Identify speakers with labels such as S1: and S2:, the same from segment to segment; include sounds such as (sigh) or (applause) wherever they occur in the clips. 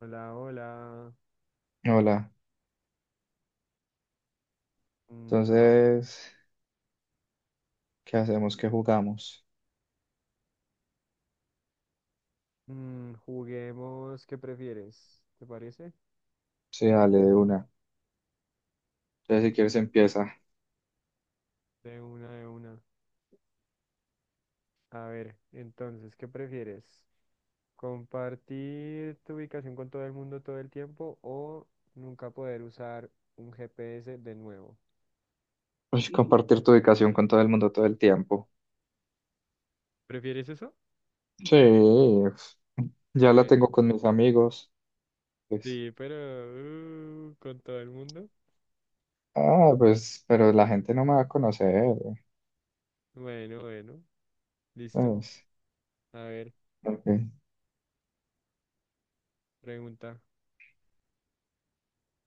S1: Hola, hola.
S2: Hola,
S1: No.
S2: entonces, ¿qué hacemos? ¿Qué jugamos?
S1: Mm, juguemos, ¿qué prefieres? ¿Te parece?
S2: Sí, dale de una. Entonces, si
S1: Ok,
S2: quieres, empieza.
S1: de una, de una. A ver, entonces, ¿qué prefieres? ¿Compartir tu ubicación con todo el mundo todo el tiempo o nunca poder usar un GPS de nuevo?
S2: Uy, compartir tu ubicación con todo el mundo todo el tiempo.
S1: ¿Prefieres eso?
S2: Sí, ya la
S1: Bueno,
S2: tengo con mis amigos. Pues,
S1: sí, pero con todo el mundo.
S2: ah, pues, pero la gente no me va a conocer.
S1: Bueno, bueno, listo.
S2: Pues.
S1: A ver,
S2: Ok.
S1: pregunta.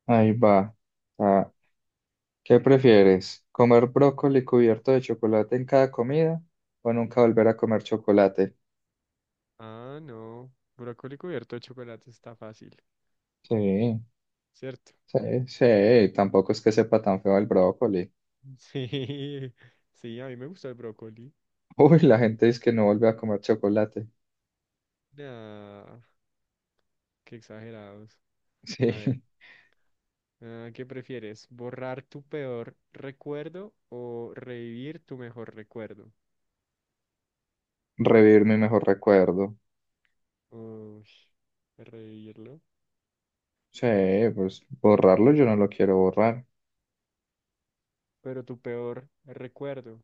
S2: Ahí va. Ah, ¿qué prefieres? ¿Comer brócoli cubierto de chocolate en cada comida o nunca volver a comer chocolate?
S1: Ah, no. Brócoli cubierto de chocolate está fácil,
S2: Sí,
S1: ¿cierto?
S2: sí, sí, tampoco es que sepa tan feo el brócoli.
S1: (laughs) Sí, sí, a mí me gusta el brócoli.
S2: Uy, la gente dice que no vuelve a comer chocolate.
S1: Nah, qué exagerados. A ver,
S2: Sí,
S1: ah, ¿qué prefieres? ¿Borrar tu peor recuerdo o revivir tu mejor recuerdo?
S2: (laughs) revivir mi mejor recuerdo.
S1: Uy, revivirlo.
S2: Sí, pues borrarlo yo no lo quiero borrar.
S1: Pero tu peor recuerdo.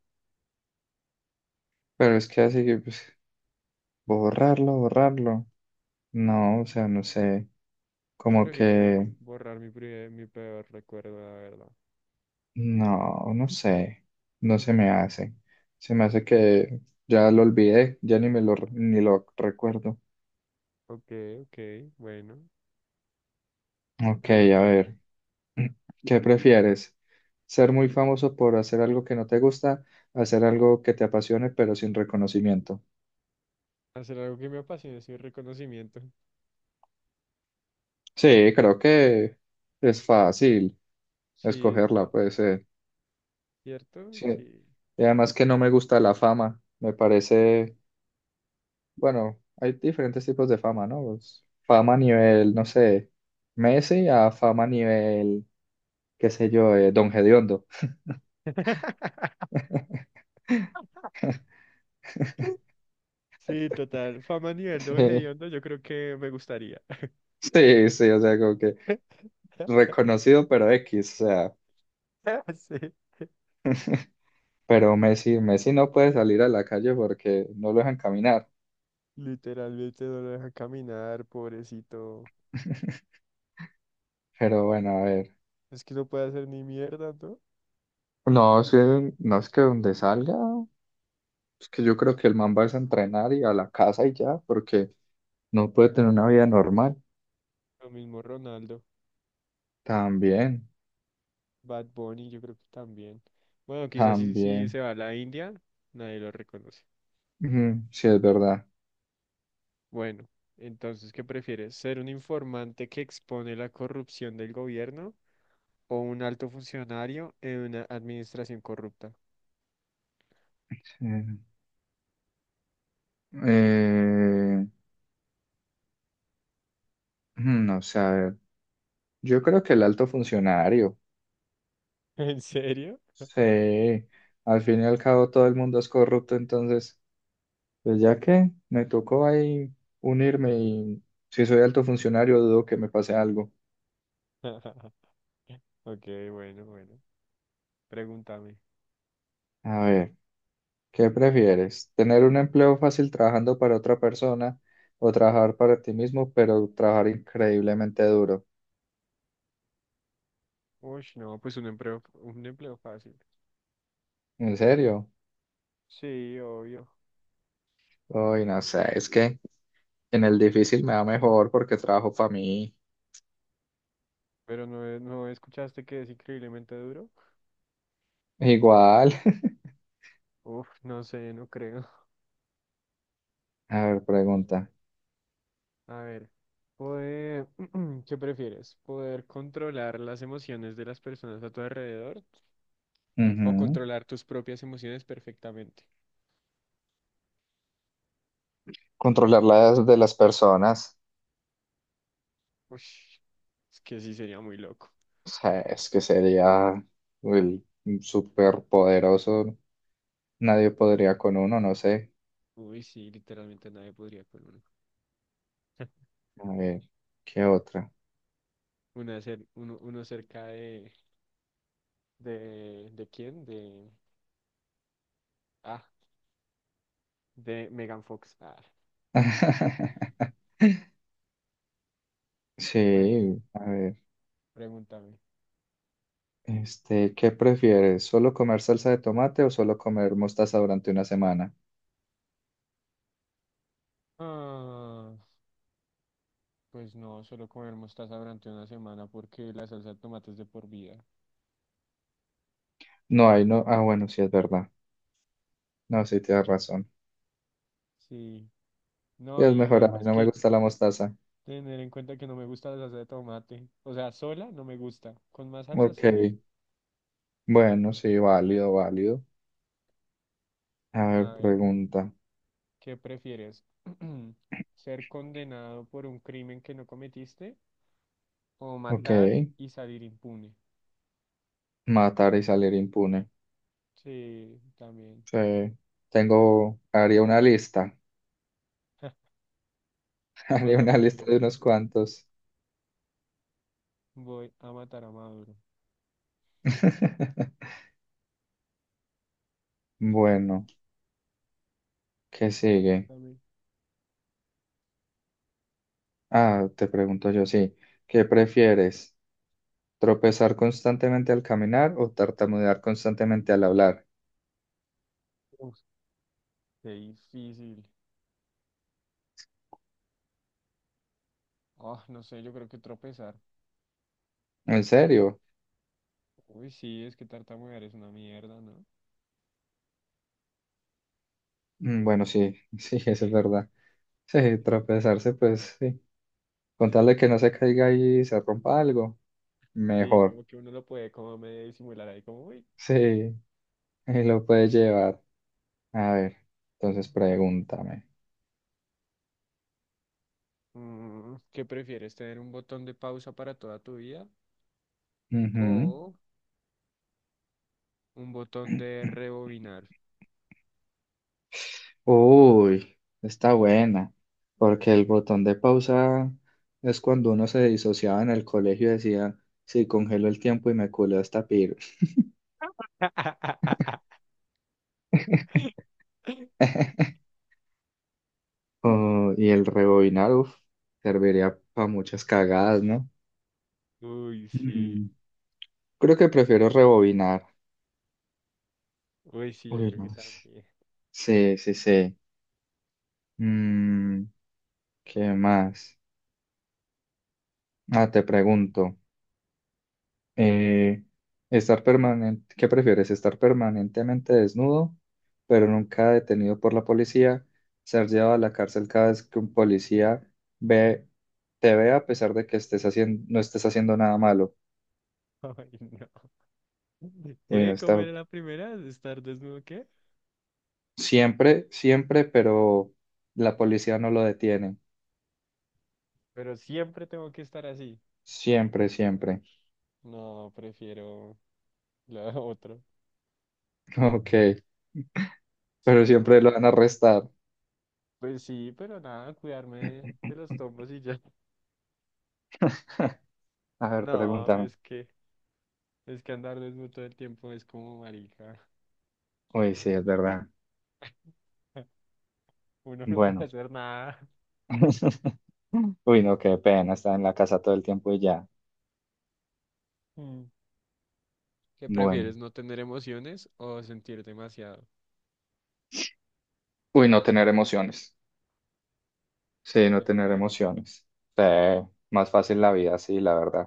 S2: Pero es que así que, pues, borrarlo, borrarlo. No, o sea, no sé.
S1: Yo
S2: Como
S1: prefiero
S2: que,
S1: borrar mi peor recuerdo, la verdad.
S2: no, no sé. No se me hace. Se me hace que ya lo olvidé, ya ni me lo, ni lo recuerdo.
S1: Ok, ok, bueno.
S2: Ok, a
S1: Pregúntame.
S2: ver. ¿Qué prefieres? ¿Ser muy famoso por hacer algo que no te gusta, hacer algo que te apasione pero sin reconocimiento?
S1: Hacer algo que me apasione sin reconocimiento.
S2: Sí, creo que es fácil
S1: Sí, está
S2: escogerla, pues
S1: fácil. ¿Cierto?
S2: sí.
S1: Sí.
S2: Y además que no me gusta la fama, me parece, bueno, hay diferentes tipos de fama, ¿no? Pues, fama a nivel, no sé, Messi a fama a nivel, qué sé yo, Don Hediondo.
S1: (laughs) Sí, total. Fama a nivel don
S2: (laughs)
S1: Hediondo, yo creo que me gustaría.
S2: Sí, sí, o sea, como que
S1: (laughs)
S2: reconocido pero X, o sea.
S1: Sí,
S2: Pero Messi no puede salir a la calle porque no lo dejan caminar.
S1: literalmente no lo dejan caminar, pobrecito.
S2: (laughs) Pero bueno, a ver.
S1: Es que no puede hacer ni mierda, ¿no?
S2: No, es que, no es que donde salga, es que yo creo que el man va a entrenar y a la casa y ya, porque no puede tener una vida normal.
S1: Lo mismo Ronaldo,
S2: También,
S1: Bad Bunny, yo creo que también. Bueno, quizás si
S2: también.
S1: se va a la India, nadie lo reconoce.
S2: Ujú, sí, es verdad.
S1: Bueno, entonces, ¿qué prefieres? ¿Ser un informante que expone la corrupción del gobierno o un alto funcionario en una administración corrupta?
S2: Sí. Eh, no sé, a ver. Yo creo que el alto funcionario.
S1: (laughs) ¿En serio?
S2: Sí, al fin y al cabo todo el mundo es corrupto, entonces pues ya que me tocó ahí unirme y si soy alto funcionario dudo que me pase algo.
S1: (laughs) Ok, bueno, bueno. Pregúntame.
S2: A ver, ¿qué prefieres? ¿Tener un empleo fácil trabajando para otra persona o trabajar para ti mismo pero trabajar increíblemente duro?
S1: Uy, no, pues un empleo fácil.
S2: ¿En serio?
S1: Sí, obvio.
S2: Uy, no sé, es que en el difícil me va mejor porque trabajo para mí.
S1: Pero no, no escuchaste que es increíblemente duro.
S2: Igual.
S1: Uf, no sé, no creo. (laughs)
S2: (laughs) A ver, pregunta.
S1: A ver, poder, (clears throat) ¿qué prefieres? ¿Poder controlar las emociones de las personas a tu alrededor o
S2: Ujú.
S1: controlar tus propias emociones perfectamente?
S2: Controlar las de las personas.
S1: Uy, es que sí sería muy loco.
S2: O sea, es que sería el súper poderoso. Nadie podría con uno, no sé.
S1: Uy, sí, literalmente nadie podría con uno.
S2: A ver, ¿qué otra?
S1: Uno cerca de, ¿de quién? De, ah, de Megan Fox. Ah.
S2: (laughs)
S1: Bueno,
S2: Sí, a ver.
S1: pregúntame.
S2: Este, ¿qué prefieres? ¿Solo comer salsa de tomate o solo comer mostaza durante una semana?
S1: Ah, pues no, solo comer mostaza durante una semana porque la salsa de tomate es de por vida.
S2: No, ahí no. Ah, bueno, sí es verdad. No, sí tienes razón.
S1: Sí,
S2: Sí,
S1: no,
S2: es
S1: y
S2: mejor, a mí
S1: además
S2: no me
S1: que
S2: gusta la mostaza.
S1: tener en cuenta que no me gusta la salsa de tomate. O sea, sola no me gusta. Con más salsa
S2: Ok,
S1: sí.
S2: bueno, sí, válido, válido. A ver,
S1: A ver,
S2: pregunta.
S1: ¿qué prefieres? (clears throat) ¿Ser condenado por un crimen que no cometiste o
S2: Ok,
S1: matar y salir impune?
S2: matar y salir impune.
S1: Sí, también.
S2: Sí, tengo, haría una lista, (laughs)
S1: Yo
S2: haría
S1: mato a
S2: una lista
S1: Maduro.
S2: de unos cuantos.
S1: Voy a matar a Maduro.
S2: (laughs)
S1: Mm,
S2: Bueno, ¿qué
S1: mm,
S2: sigue?
S1: también.
S2: Ah, te pregunto yo, sí. ¿Qué prefieres? ¿Tropezar constantemente al caminar o tartamudear constantemente al hablar?
S1: Qué difícil. Ah, no sé, yo creo que tropezar.
S2: ¿En serio?
S1: Uy, sí, es que tartamudear es una mierda, ¿no?
S2: Bueno, sí, sí, (laughs) eso es verdad. Sí,
S1: Es que-
S2: tropezarse, pues sí. Con tal de que no se caiga y se rompa algo,
S1: Sí,
S2: mejor.
S1: como que uno lo puede como medio disimular ahí, como, uy.
S2: Sí, (laughs) y lo puede llevar. A ver, entonces pregúntame.
S1: Mm, ¿qué prefieres, tener un botón de pausa para toda tu vida o un botón de
S2: Ujú.
S1: rebobinar?
S2: Uy, está buena, porque el botón de pausa es cuando uno se disociaba en el colegio y decía, sí, congelo el tiempo y me culeo esta piro.
S1: (laughs)
S2: (laughs) Oh, y el rebobinar, uf, serviría para muchas cagadas, ¿no?
S1: Uy, sí.
S2: Mm, creo que prefiero rebobinar.
S1: Uy, sí, yo
S2: Uy,
S1: creo que
S2: no.
S1: también.
S2: Sí, sí, sí. Mm, ¿qué más? Ah, te pregunto. Eh, estar permanente, ¿qué prefieres? ¿Estar permanentemente desnudo, pero nunca detenido por la policía? ¿Ser llevado a la cárcel cada vez que un policía ve, te ve a pesar de que estés haciendo, no estés haciendo nada malo?
S1: (laughs) Ay, no.
S2: Uy, no
S1: ¿Qué? ¿Cómo
S2: está.
S1: era la primera? ¿Estar desnudo qué?
S2: Siempre, siempre, pero la policía no lo detiene.
S1: Pero siempre tengo que estar así.
S2: Siempre, siempre.
S1: No, prefiero la otra.
S2: (laughs) Ok,
S1: Sí,
S2: pero
S1: ¿no?
S2: siempre lo van a arrestar.
S1: Pues sí, pero nada, cuidarme de los tombos y ya. (laughs)
S2: (laughs) A ver,
S1: No,
S2: pregúntame.
S1: es que andar desnudo todo el tiempo es como marica.
S2: Uy, sí, es verdad.
S1: (laughs) Uno no puede
S2: Bueno.
S1: hacer nada. (laughs)
S2: (laughs) Uy, no, qué pena estar en la casa todo el tiempo y ya.
S1: Mm. ¿Qué
S2: Bueno.
S1: prefieres, no tener emociones o sentir demasiado?
S2: Uy, no tener emociones. Sí, no
S1: En
S2: tener
S1: serio.
S2: emociones. Sí, más
S1: Mm,
S2: fácil la vida, sí, la verdad.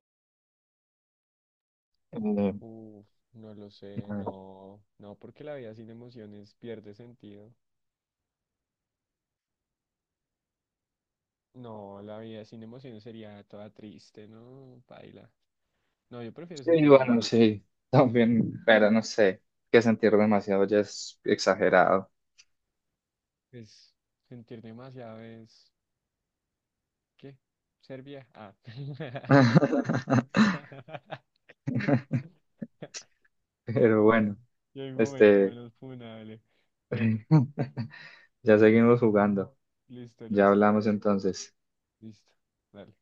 S2: Eh,
S1: uf, no lo sé,
S2: a ver.
S1: no, no, porque la vida sin emociones pierde sentido. No, la vida sin emociones sería toda triste, ¿no? Paila. No, yo prefiero
S2: Sí,
S1: sentir demasiado.
S2: bueno, sí, (laughs) también, pero no sé, que sentir demasiado ya es exagerado.
S1: Pues sentir demasiado es ¿qué? ¿Serbia? Ah.
S2: (laughs)
S1: (laughs)
S2: Pero bueno,
S1: Yo hay un momento
S2: este,
S1: menos funable. Bueno,
S2: (laughs) ya seguimos jugando.
S1: listo,
S2: Ya
S1: listo,
S2: hablamos entonces.
S1: listo. Dale.